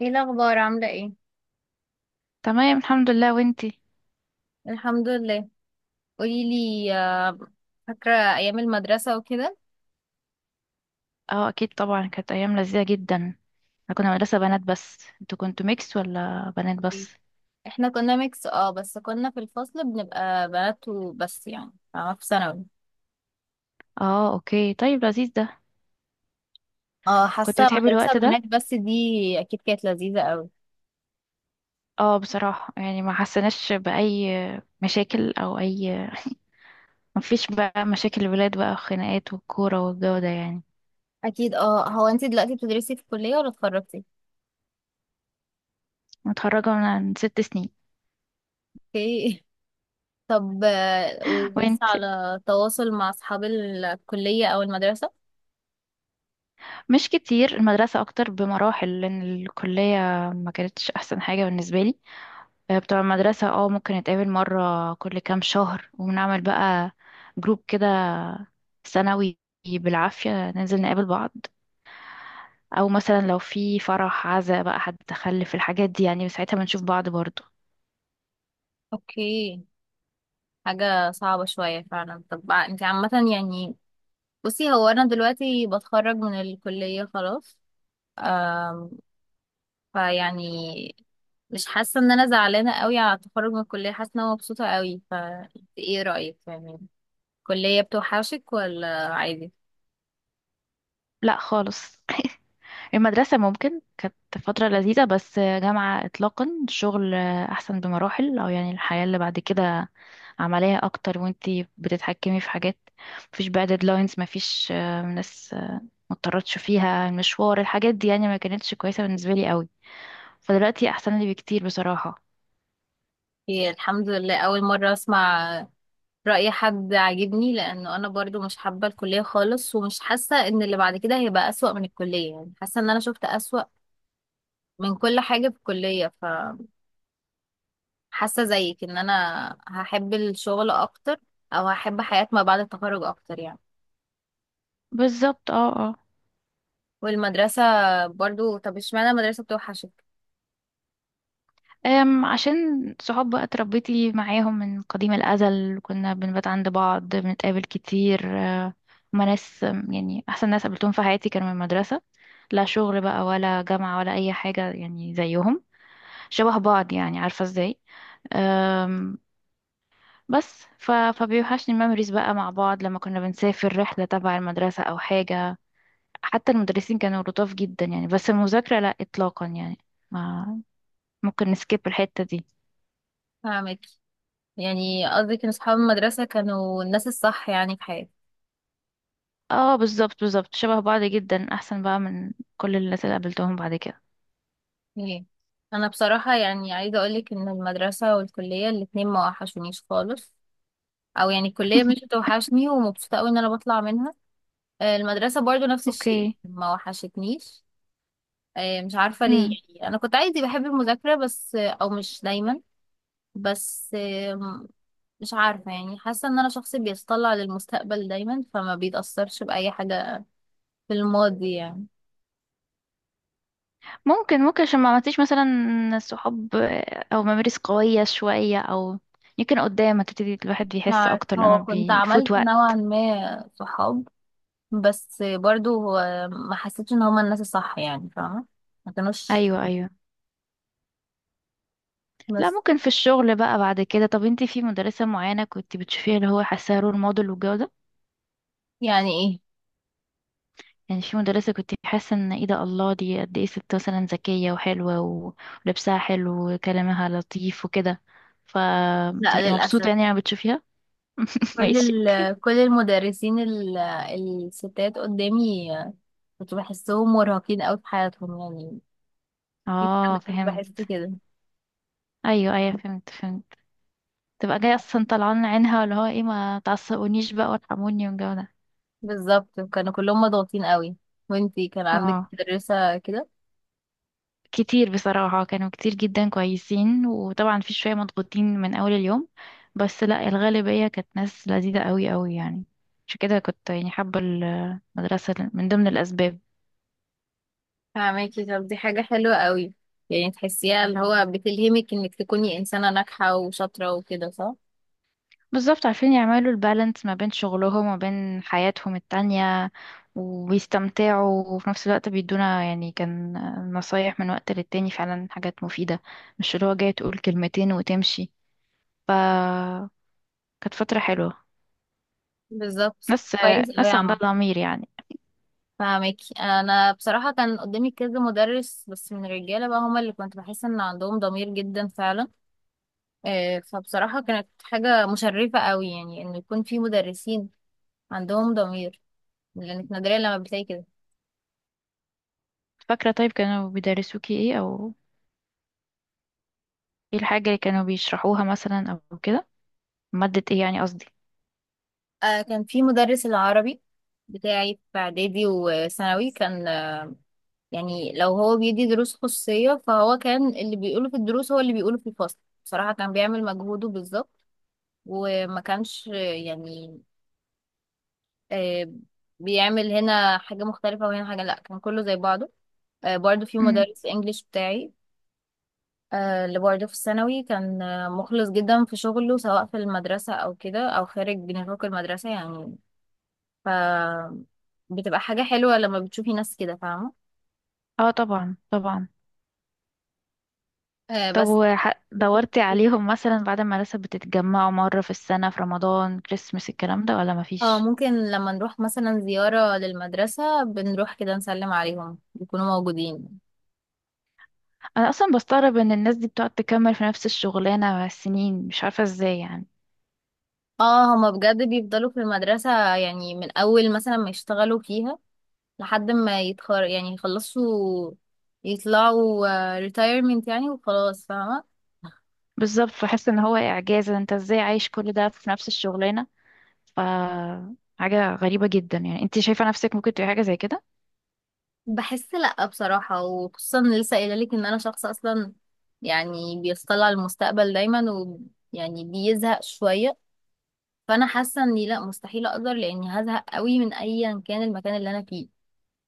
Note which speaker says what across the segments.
Speaker 1: ايه الاخبار عامله ايه؟
Speaker 2: تمام، الحمد لله. وانتي؟
Speaker 1: الحمد لله. قولي لي، فاكرة أيام المدرسة وكده؟
Speaker 2: اه، اكيد طبعا كانت ايام لذيذه جدا. احنا كنا مدرسه بنات، بس انتوا كنتوا ميكس ولا بنات
Speaker 1: إيه؟
Speaker 2: بس؟
Speaker 1: احنا كنا ميكس اه بس كنا في الفصل بنبقى بنات وبس، يعني فاهمة، في ثانوي.
Speaker 2: اه، اوكي. طيب، لذيذ ده.
Speaker 1: اه
Speaker 2: كنت
Speaker 1: حاسة
Speaker 2: بتحبي
Speaker 1: مدرسة
Speaker 2: الوقت ده؟
Speaker 1: بنات بس دي. أكيد كانت لذيذة أوي.
Speaker 2: اه، بصراحه يعني ما حسناش باي مشاكل او اي. ما فيش بقى مشاكل الولاد، بقى خناقات والكوره والجو ده يعني.
Speaker 1: أكيد اه. هو انتي دلوقتي بتدرسي في الكلية ولا اتخرجتي؟
Speaker 2: متخرجه من 6 سنين.
Speaker 1: اوكي. طب ولسه
Speaker 2: وانت؟
Speaker 1: على تواصل مع أصحاب الكلية أو المدرسة؟
Speaker 2: مش كتير، المدرسه اكتر بمراحل لان الكليه ما كانتش احسن حاجه بالنسبه لي. بتوع المدرسة اه ممكن نتقابل مرة كل كام شهر ونعمل بقى جروب كده سنوي. بالعافية ننزل نقابل بعض، أو مثلا لو في فرح عزا بقى حد تخلف الحاجات دي يعني ساعتها بنشوف بعض برضو.
Speaker 1: اوكي. حاجة صعبة شوية فعلا. طب انتي عامة يعني، بصي هو انا دلوقتي بتخرج من الكلية خلاص. آم، فيعني مش حاسة ان انا زعلانة قوي على التخرج من الكلية، حاسة ان انا مبسوطة قوي. ف ايه رأيك يعني، الكلية بتوحشك ولا عادي؟
Speaker 2: لا خالص. المدرسة ممكن كانت فترة لذيذة، بس جامعة إطلاقا. الشغل أحسن بمراحل، أو يعني الحياة اللي بعد كده عملية أكتر، وانتي بتتحكمي في حاجات. مفيش بقى ديدلاينز، مفيش ناس ما اضطرتش فيها المشوار، الحاجات دي يعني ما كانتش كويسة بالنسبة لي قوي. فدلوقتي احسن لي بكتير بصراحة.
Speaker 1: هي الحمد لله اول مرة اسمع رأي حد عاجبني، لانه انا برضو مش حابة الكلية خالص، ومش حاسة ان اللي بعد كده هيبقى اسوأ من الكلية. يعني حاسة ان انا شفت اسوأ من كل حاجة في الكلية. حاسة زيك ان انا هحب الشغل اكتر، او هحب حياة ما بعد التخرج اكتر يعني.
Speaker 2: بالظبط، اه اه.
Speaker 1: والمدرسة برضو، طب اشمعنى المدرسة بتوحشك؟
Speaker 2: عشان صحاب بقى اتربيتي معاهم من قديم الأزل، كنا بنبات عند بعض، بنتقابل كتير. هما ناس يعني أحسن ناس قابلتهم في حياتي كانوا من المدرسة. لا شغل بقى ولا جامعة ولا أي حاجة يعني زيهم، شبه بعض، يعني عارفة ازاي. أم، بس فبيوحشني الميموريز بقى مع بعض، لما كنا بنسافر رحلة تبع المدرسة أو حاجة. حتى المدرسين كانوا لطاف جدا يعني، بس المذاكرة لا إطلاقا يعني ما ممكن نسكيب الحتة دي.
Speaker 1: فاهمك. يعني قصدك ان اصحاب المدرسة كانوا الناس الصح يعني في حياتي.
Speaker 2: اه بالظبط بالظبط، شبه بعض جدا، أحسن بقى من كل الناس اللي قابلتهم بعد كده.
Speaker 1: ايه، انا بصراحة يعني عايزة اقولك ان المدرسة والكلية الاتنين ما وحشونيش خالص. او يعني الكلية مش بتوحشني، ومبسوطة اوي ان انا بطلع منها. المدرسة برضو نفس الشيء
Speaker 2: اوكي.
Speaker 1: ما وحشتنيش. مش عارفة ليه.
Speaker 2: مم.
Speaker 1: يعني انا كنت عادي بحب المذاكرة بس او مش دايما. بس مش عارفة. يعني حاسة ان انا شخص بيتطلع للمستقبل دايما، فما بيتأثرش بأي حاجة في الماضي يعني.
Speaker 2: ممكن عشان ما عملتيش مثلا صحاب، أو ممارس قوية شوية، أو يمكن قدام هتبتدي الواحد
Speaker 1: مش
Speaker 2: بيحس
Speaker 1: عارفة،
Speaker 2: أكتر لما
Speaker 1: هو كنت
Speaker 2: بيفوت
Speaker 1: عملت
Speaker 2: وقت.
Speaker 1: نوعا ما صحاب بس برضو هو ما حسيتش ان هما الناس الصح، يعني فاهمة، ما كانوش
Speaker 2: أيوه أيوه. لا
Speaker 1: بس.
Speaker 2: ممكن في الشغل بقى بعد كده. طب انتي في مدرسة معينة كنت بتشوفيها اللي هو حاساها رول موديل والجو ده؟
Speaker 1: يعني ايه،
Speaker 2: يعني في مدرسة كنت حاسة ان ايه ده الله، دي قد ايه ست مثلا ذكية وحلوة ولبسها حلو وكلامها لطيف وكده،
Speaker 1: لا
Speaker 2: فبتبقي مبسوطة
Speaker 1: للأسف.
Speaker 2: يعني لما بتشوفيها.
Speaker 1: كل
Speaker 2: ماشي، اوكي.
Speaker 1: كل المدرسين الستات قدامي، كنت بحسهم مرهقين قوي في حياتهم يعني. في-
Speaker 2: اه
Speaker 1: كنت بحس
Speaker 2: فهمت.
Speaker 1: كده.
Speaker 2: ايوه ايوه فهمت فهمت. تبقى جاية اصلا طلعان عينها اللي هو ايه، ما تعصبونيش بقى وارحموني والجو ده.
Speaker 1: بالظبط كانوا كلهم مضغوطين قوي. وانتي كان عندك
Speaker 2: اه،
Speaker 1: مدرسة كده؟
Speaker 2: كتير بصراحة. كانوا كتير جدا كويسين، وطبعا في شوية مضغوطين من أول اليوم، بس لا الغالبية كانت ناس لذيذة قوي قوي يعني. عشان كده كنت يعني حابة المدرسة من ضمن الأسباب.
Speaker 1: فاهماكي. طب دي حاجة حلوة قوي، يعني تحسيها اللي هو بتلهمك انك تكوني انسانة ناجحة وشاطرة وكده، صح؟
Speaker 2: بالظبط، عارفين يعملوا البالانس ما بين شغلهم وما بين حياتهم التانية، وبيستمتعوا وفي نفس الوقت بيدونا يعني كان نصايح من وقت للتاني، فعلا حاجات مفيدة. مش اللي هو جاي تقول كلمتين وتمشي. فكانت فترة حلوة.
Speaker 1: بالظبط.
Speaker 2: ناس
Speaker 1: كويس قوي يا
Speaker 2: ناس عندها
Speaker 1: عم.
Speaker 2: ضمير يعني.
Speaker 1: فاهماكي. انا بصراحة كان قدامي كذا مدرس بس من الرجالة بقى، هما اللي كنت بحس ان عندهم ضمير جدا فعلا. فبصراحة كانت حاجة مشرفة قوي يعني، انه يكون في مدرسين عندهم ضمير، لانك نادرا لما بتلاقي كده.
Speaker 2: فاكرة طيب كانوا بيدرسوكي ايه، او ايه الحاجة اللي كانوا بيشرحوها مثلا او كده، مادة ايه يعني قصدي؟
Speaker 1: آه كان في مدرس العربي بتاعي في إعدادي وثانوي، كان آه، يعني لو هو بيدي دروس خصوصية فهو كان اللي بيقوله في الدروس هو اللي بيقوله في الفصل. بصراحة كان بيعمل مجهوده بالظبط. وما كانش آه بيعمل هنا حاجة مختلفة وهنا حاجة، لأ كان كله زي بعضه. آه برضه في
Speaker 2: امم.
Speaker 1: مدرس إنجليش بتاعي، آه اللي برضه في الثانوي، كان مخلص جدا في شغله سواء في المدرسة أو كده أو خارج نطاق المدرسة يعني. ف بتبقى حاجة حلوة لما بتشوفي ناس كده، فاهمة.
Speaker 2: اه طبعا طبعا.
Speaker 1: آه
Speaker 2: طب
Speaker 1: بس.
Speaker 2: دورتي عليهم مثلا بعد ما لسه بتتجمعوا مرة في السنة في رمضان كريسمس الكلام ده ولا
Speaker 1: اه
Speaker 2: مفيش؟
Speaker 1: ممكن لما نروح مثلا زيارة للمدرسة بنروح كده نسلم عليهم، بيكونوا موجودين.
Speaker 2: انا اصلا بستغرب ان الناس دي بتقعد تكمل في نفس الشغلانة سنين، مش عارفة ازاي يعني.
Speaker 1: اه هما بجد بيفضلوا في المدرسة، يعني من أول مثلا ما يشتغلوا فيها لحد ما يتخر، يعني يخلصوا يطلعوا، retirement يعني، وخلاص فاهمة.
Speaker 2: بالظبط، بحس ان هو اعجاز، انت ازاي عايش كل ده في نفس الشغلانة؟ ف حاجة غريبة جدا يعني، انت شايفة نفسك ممكن تبقى حاجة زي كده؟
Speaker 1: بحس لأ بصراحة، وخصوصا إن لسه قايلة لك إن أنا شخص أصلا يعني بيطلع المستقبل دايما، ويعني بيزهق شوية. فأنا حاسة إني لأ مستحيل أقدر، لأني هزهق قوي من أيا كان المكان اللي أنا فيه،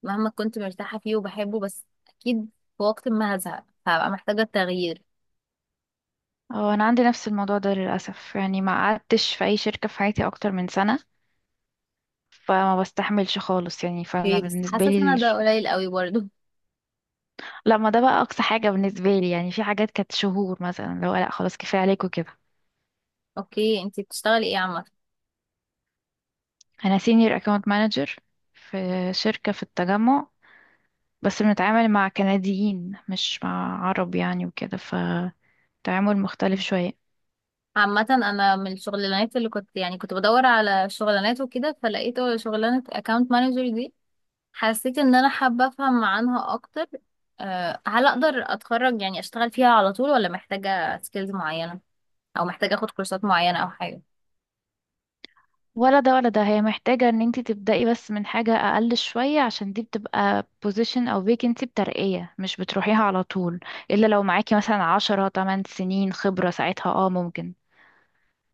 Speaker 1: مهما كنت مرتاحة فيه وبحبه، بس أكيد في وقت ما هزهق، فهبقى محتاجة تغيير.
Speaker 2: اه انا عندي نفس الموضوع ده للاسف يعني، ما قعدتش في اي شركه في حياتي اكتر من سنه، فما بستحملش خالص يعني، فانا
Speaker 1: اوكي بس
Speaker 2: بالنسبه
Speaker 1: حاسة
Speaker 2: لي
Speaker 1: أنا ده قليل قوي برضه.
Speaker 2: لا ما ده بقى اقصى حاجه بالنسبه لي يعني، في حاجات كانت شهور مثلا. لو لا خلاص كفايه عليكم كده.
Speaker 1: اوكي، انتي بتشتغلي ايه عامة؟
Speaker 2: انا سينيور اكاونت مانجر في شركه في التجمع، بس بنتعامل مع كنديين مش مع عرب يعني، وكده فتعامل مختلف شويه.
Speaker 1: عامة أنا من الشغلانات اللي كنت يعني كنت بدور على شغلانات وكده، فلقيت شغلانة account manager دي، حسيت ان انا حابة افهم عنها اكتر. أه هل اقدر اتخرج يعني اشتغل فيها على طول، ولا محتاجة سكيلز معينة، او محتاجة اخد كورسات معينة او حاجة؟
Speaker 2: ولا ده ولا ده، هي محتاجة ان انتي تبدأي بس من حاجة اقل شوية، عشان دي بتبقى position او vacancy بترقية، مش بتروحيها على طول. الا لو معاكي مثلا 10 8 سنين خبرة، ساعتها اه ممكن،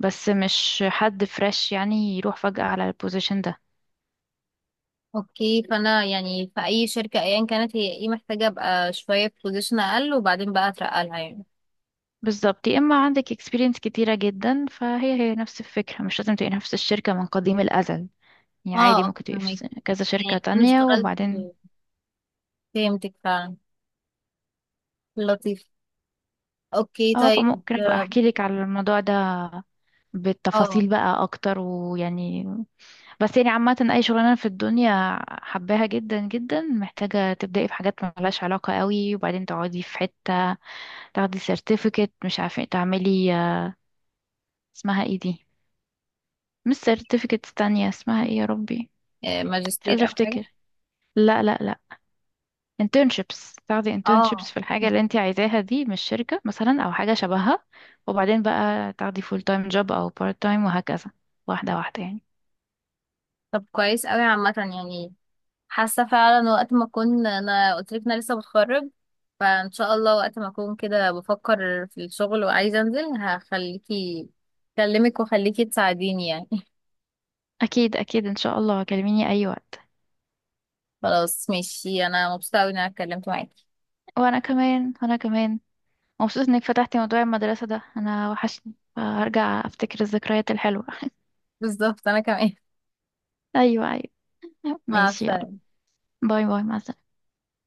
Speaker 2: بس مش حد فريش يعني يروح فجأة على البوزيشن ده.
Speaker 1: اوكي. فانا يعني في اي شركة ايا كانت، هي ايه، محتاجة ابقى شوية في بوزيشن اقل وبعدين بقى اترقى لها يعني.
Speaker 2: بالظبط، يا اما عندك experience كتيرة جدا فهي هي نفس الفكرة، مش لازم تبقي نفس الشركة من قديم الأزل. يعني
Speaker 1: اه،
Speaker 2: عادي ممكن تبقي في
Speaker 1: فهمك.
Speaker 2: كذا
Speaker 1: يعني
Speaker 2: شركة
Speaker 1: اكون
Speaker 2: تانية
Speaker 1: اشتغلت.
Speaker 2: وبعدين.
Speaker 1: فهمتك فعلا. لطيف. اوكي
Speaker 2: اه،
Speaker 1: طيب.
Speaker 2: فممكن ابقى احكي لك على الموضوع ده
Speaker 1: اه،
Speaker 2: بالتفاصيل بقى اكتر ويعني، بس يعني عامة أي شغلانة في الدنيا حباها جدا جدا محتاجة تبدأي في حاجات ملهاش علاقة قوي، وبعدين تقعدي في حتة تاخدي سيرتيفيكت، مش عارفة إيه، تعملي اسمها ايه دي؟ مش سيرتيفيكت، تانية اسمها ايه يا ربي؟ مش قادرة
Speaker 1: ماجستير او حاجة؟
Speaker 2: افتكر. لا لا لا، internships. تاخدي
Speaker 1: اه.
Speaker 2: internships في الحاجة اللي انت عايزاها دي من الشركة مثلا أو حاجة شبهها، وبعدين بقى تاخدي full time job أو part time وهكذا. واحدة واحدة يعني.
Speaker 1: طب كويس قوي عامة يعني. حاسه فعلا وقت ما اكون، انا قلت لك انا لسه بتخرج، فان شاء الله وقت ما اكون كده بفكر في الشغل وعايزه انزل، هخليكي اكلمك واخليكي تساعديني يعني.
Speaker 2: أكيد أكيد، إن شاء الله كلميني أي وقت.
Speaker 1: خلاص ماشي. انا مبسوطه قوي ان انا اتكلمت معاكي.
Speaker 2: وأنا كمان وأنا كمان، مبسوط انك فتحتي موضوع المدرسة ده، انا وحشني هرجع افتكر الذكريات الحلوة.
Speaker 1: بالظبط انا كمان.
Speaker 2: ايوه ايوه.
Speaker 1: مع
Speaker 2: ماشي، يلا.
Speaker 1: السلامه.
Speaker 2: باي باي، مع السلامة.